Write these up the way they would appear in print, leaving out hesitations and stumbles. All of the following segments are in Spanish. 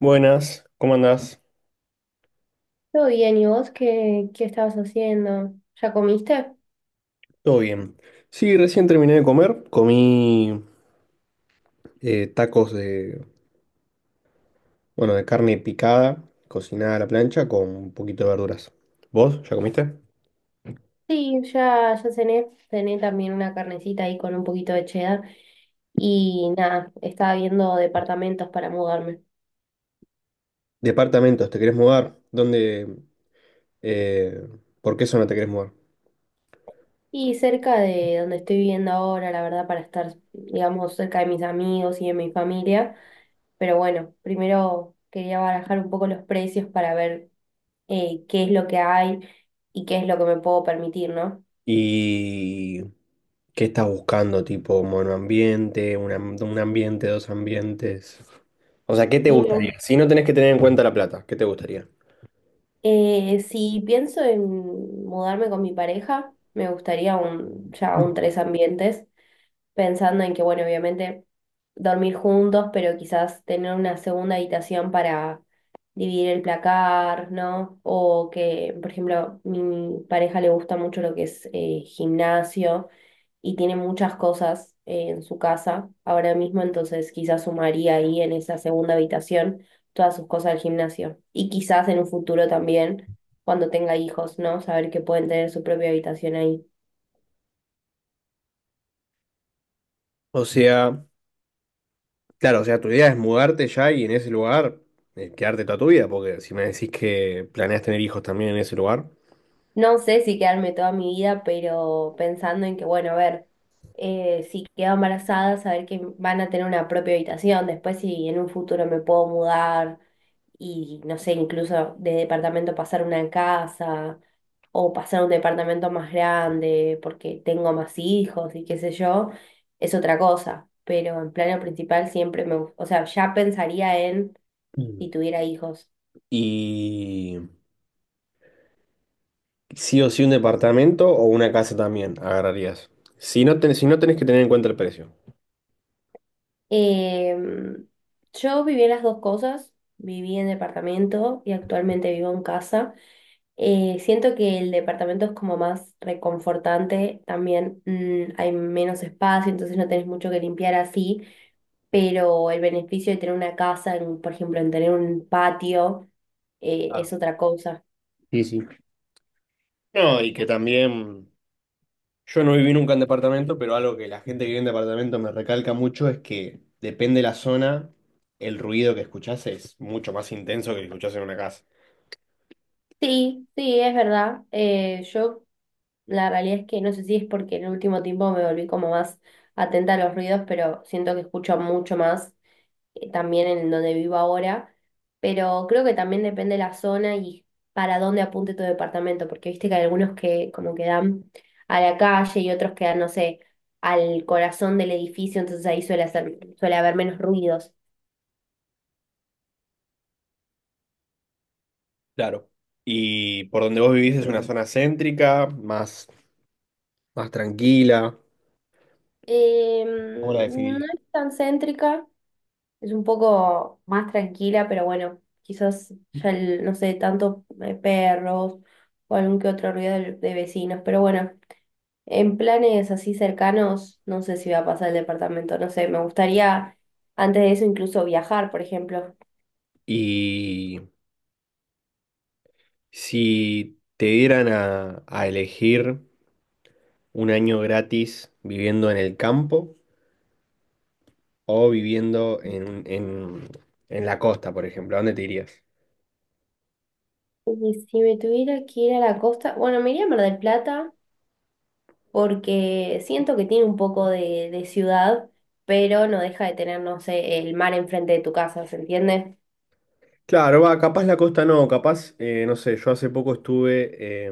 Buenas, ¿cómo andás? Todo bien, ¿y vos qué, estabas haciendo? ¿Ya comiste? Todo bien. Sí, recién terminé de comer, comí tacos de, bueno, de carne picada, cocinada a la plancha con un poquito de verduras. ¿Vos ya comiste? Sí, ya cené. Cené también una carnecita ahí con un poquito de cheddar. Y nada, estaba viendo departamentos para mudarme. Departamentos, ¿te querés mudar? ¿Dónde? eh, ¿Por qué zona te querés mudar? Y cerca de donde estoy viviendo ahora, la verdad, para estar, digamos, cerca de mis amigos y de mi familia. Pero bueno, primero quería barajar un poco los precios para ver qué es lo que hay y qué es lo que me puedo permitir, ¿no? ¿Y qué estás buscando? Tipo monoambiente, un ambiente, dos ambientes. O sea, ¿qué te Y me gustaría? Si no tenés que tener en cuenta la plata, ¿qué te gustaría? Si pienso en mudarme con mi pareja, me gustaría un, ya un tres ambientes, pensando en que, bueno, obviamente dormir juntos, pero quizás tener una segunda habitación para dividir el placar, ¿no? O que, por ejemplo, mi pareja le gusta mucho lo que es gimnasio y tiene muchas cosas en su casa ahora mismo, entonces quizás sumaría ahí en esa segunda habitación todas sus cosas del gimnasio. Y quizás en un futuro también, cuando tenga hijos, ¿no? Saber que pueden tener su propia habitación ahí. O sea, Claro, o sea, tu idea es mudarte ya y en ese lugar quedarte toda tu vida, porque si me decís que planeas tener hijos también en ese lugar. No sé si quedarme toda mi vida, pero pensando en que, bueno, a ver, si quedo embarazada, saber que van a tener una propia habitación, después si en un futuro me puedo mudar y no sé, incluso de departamento pasar a una casa o pasar a un departamento más grande porque tengo más hijos y qué sé yo, es otra cosa. Pero en plano principal siempre me, gu- o sea, ya pensaría en Mm. si tuviera hijos. Y sí o sí un departamento o una casa también agarrarías. Si no, si no tenés que tener en cuenta el precio. Em, yo viví en las dos cosas, viví en departamento y actualmente vivo en casa. Siento que el departamento es como más reconfortante, también hay menos espacio, entonces no tenés mucho que limpiar así, pero el beneficio de tener una casa, en- por ejemplo, en tener un patio, Claro. es otra cosa. Sí, sí. No, y que también yo no viví nunca en departamento, pero algo que la gente que vive en departamento me recalca mucho es que depende de la zona, el ruido que escuchás es mucho más intenso que el que escuchás en una casa. Sí, sí, es verdad. Yo la realidad es que no sé si es porque en el último tiempo me volví como más atenta a los ruidos, pero siento que escucho mucho más también en donde vivo ahora, pero creo que también depende la zona y para dónde apunte tu departamento, porque viste que hay algunos que como que dan a la calle y otros que dan, no sé, al corazón del edificio, entonces ahí suele hacer, suele haber menos ruidos. Claro. ¿Y por donde vos vivís es una zona céntrica, más, más tranquila? Eh, ¿Cómo la no definiría? es tan céntrica, es un poco más tranquila, pero bueno, quizás ya el- no sé, tanto perros o algún que otro ruido de vecinos, pero bueno. En planes así cercanos, no sé si voy a pasar el departamento, no sé, me gustaría antes de eso incluso viajar, por ejemplo. Y si te dieran a elegir un año gratis viviendo en el campo o viviendo en la costa, por ejemplo, ¿a dónde te irías? Y si me tuviera que ir a la costa, bueno, me iría a Mar del Plata porque siento que tiene un poco de ciudad, pero no deja de tener, no sé, el mar enfrente de tu casa, ¿se entiende? Claro, va, capaz la costa no, capaz, no sé, yo hace poco estuve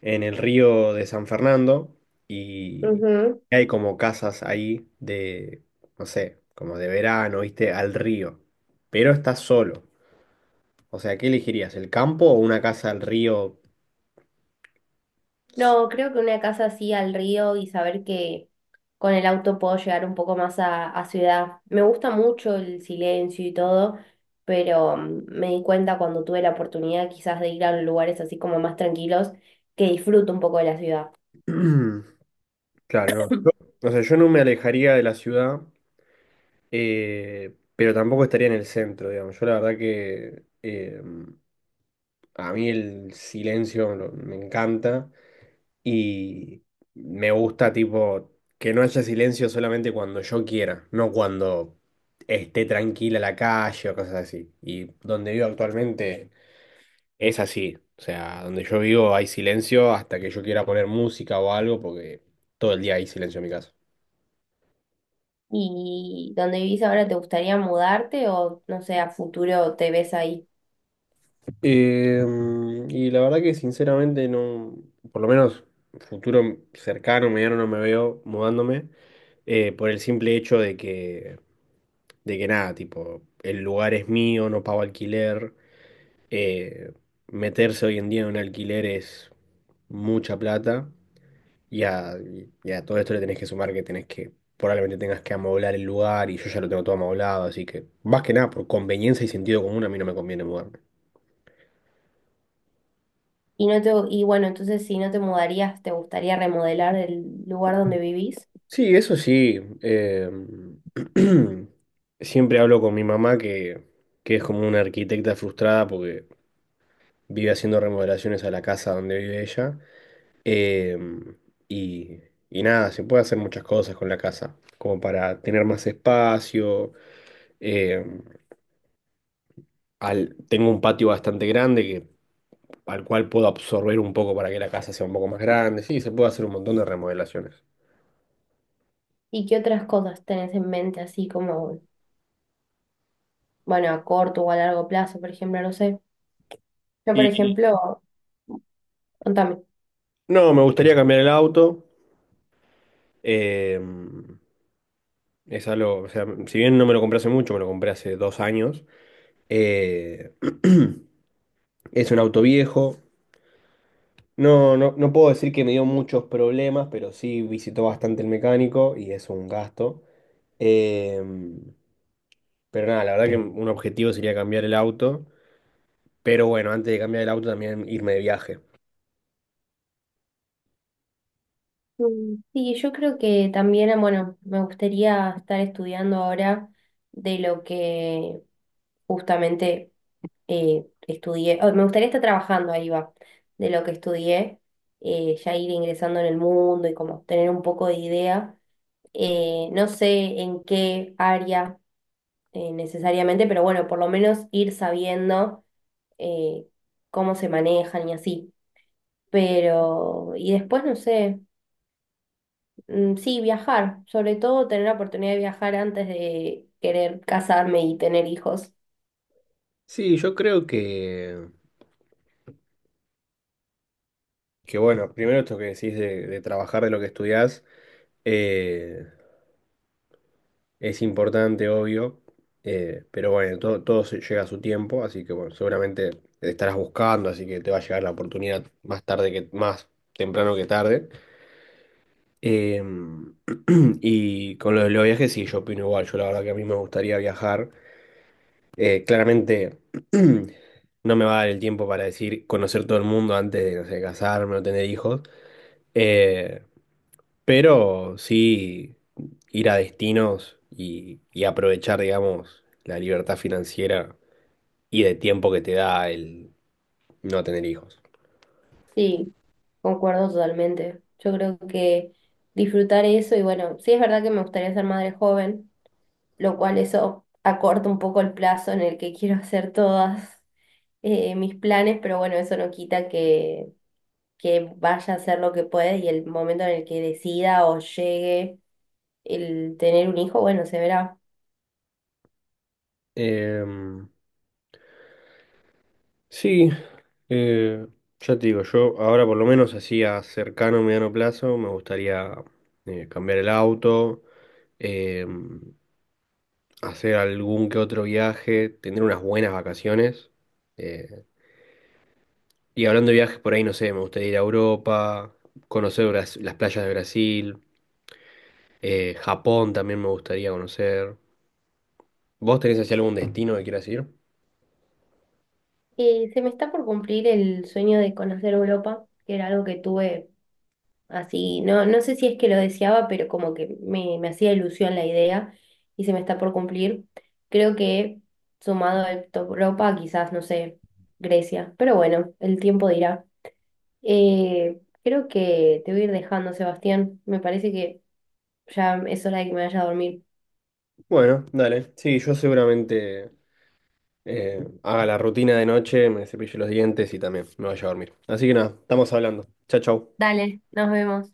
en el río de San Fernando y Ujú. hay como casas ahí de, no sé, como de verano, ¿viste? Al río, pero estás solo. O sea, ¿qué elegirías? ¿El campo o una casa al río? No, creo que una casa así al río y saber que con el auto puedo llegar un poco más a ciudad. Me gusta mucho el silencio y todo, pero me di cuenta cuando tuve la oportunidad quizás de ir a lugares así como más tranquilos que disfruto un poco de la ciudad. Claro, no. O sea, yo no me alejaría de la ciudad, pero tampoco estaría en el centro, digamos. Yo la verdad que... A mí el silencio me encanta y me gusta tipo que no haya silencio solamente cuando yo quiera, no cuando esté tranquila la calle o cosas así. Y donde vivo actualmente es así. O sea, donde yo vivo hay silencio hasta que yo quiera poner música o algo porque todo el día hay silencio en mi casa. ¿Y donde vivís ahora te gustaría mudarte o no sé, a futuro te ves ahí? Eh, y la verdad que sinceramente no, por lo menos futuro cercano, mediano no me veo mudándome, por el simple hecho de que nada, tipo, el lugar es mío, no pago alquiler, eh, meterse hoy en día en un alquiler es mucha plata y a, y a todo esto le tenés que sumar que probablemente tengas que amoblar el lugar y yo ya lo tengo todo amoblado, así que más que nada por conveniencia y sentido común a mí no me conviene mudarme. Y no te, y bueno, entonces si no te mudarías, ¿te gustaría remodelar el lugar donde vivís? Sí, eso sí. Siempre hablo con mi mamá que es como una arquitecta frustrada porque vive haciendo remodelaciones a la casa donde vive ella. eh, y, y nada, se puede hacer muchas cosas con la casa, como para tener más espacio. eh, tengo un patio bastante grande al cual puedo absorber un poco para que la casa sea un poco más grande. Sí, se puede hacer un montón de remodelaciones. ¿Y qué otras cosas tenés en mente así como bueno, a corto o a largo plazo, por ejemplo, no sé. Yo, por Y ejemplo, contame. no, me gustaría cambiar el auto. eh, Es algo, o sea, si bien no me lo compré hace mucho, me lo compré hace 2 años. eh, es un auto viejo. No, no puedo decir que me dio muchos problemas, pero sí visitó bastante el mecánico y es un gasto. Em, pero nada, la verdad que un objetivo sería cambiar el auto. Pero bueno, antes de cambiar el auto también irme de viaje. Sí, yo creo que también, bueno, me gustaría estar estudiando ahora de lo que justamente estudié, oh, me gustaría estar trabajando, ahí va, de lo que estudié, ya ir ingresando en el mundo y como tener un poco de idea. No sé en qué área necesariamente, pero bueno, por lo menos ir sabiendo eh, cómo se manejan y así. Pero, y después no sé, sí, viajar, sobre todo tener la oportunidad de viajar antes de querer casarme y tener hijos. Sí, yo creo que bueno, primero esto que decís de trabajar de lo que estudiás. eh, Es importante, obvio, pero bueno, llega a su tiempo, así que bueno, seguramente te estarás buscando, así que te va a llegar la oportunidad más temprano que tarde. Eh, y con lo de los viajes, sí, yo opino igual, yo la verdad que a mí me gustaría viajar. Claramente no me va a dar el tiempo para decir conocer todo el mundo antes de, no sé, casarme o tener hijos. Eh, Pero sí ir a destinos y aprovechar, digamos, la libertad financiera y de tiempo que te da el no tener hijos. Sí, concuerdo totalmente. Yo creo que disfrutar eso y bueno, sí es verdad que me gustaría ser madre joven, lo cual eso acorta un poco el plazo en el que quiero hacer todas mis planes, pero bueno, eso no quita que vaya a hacer lo que pueda y el momento en el que decida o llegue el tener un hijo, bueno, se verá. Em, sí, eh, ya te digo, yo ahora por lo menos así a cercano, mediano plazo, me gustaría cambiar el auto, em, hacer algún que otro viaje, tener unas buenas vacaciones. eh, Y hablando de viajes por ahí, no sé, me gustaría ir a Europa, conocer las playas de Brasil, Japón también me gustaría conocer. ¿Vos tenés hacia algún destino que quieras ir? Se me está por cumplir el sueño de conocer Europa, que era algo que tuve así, no, no sé si es que lo deseaba, pero como que me hacía ilusión la idea y se me está por cumplir. Creo que sumado a Europa, quizás, no sé, Grecia, pero bueno, el tiempo dirá. Creo que te voy a ir dejando, Sebastián. Me parece que ya es hora de que me vaya a dormir. Bueno, dale. Sí, yo seguramente haga la rutina de noche, me cepille los dientes y también me vaya a dormir. Así que nada, estamos hablando. Chao, chao. Dale, nos vemos.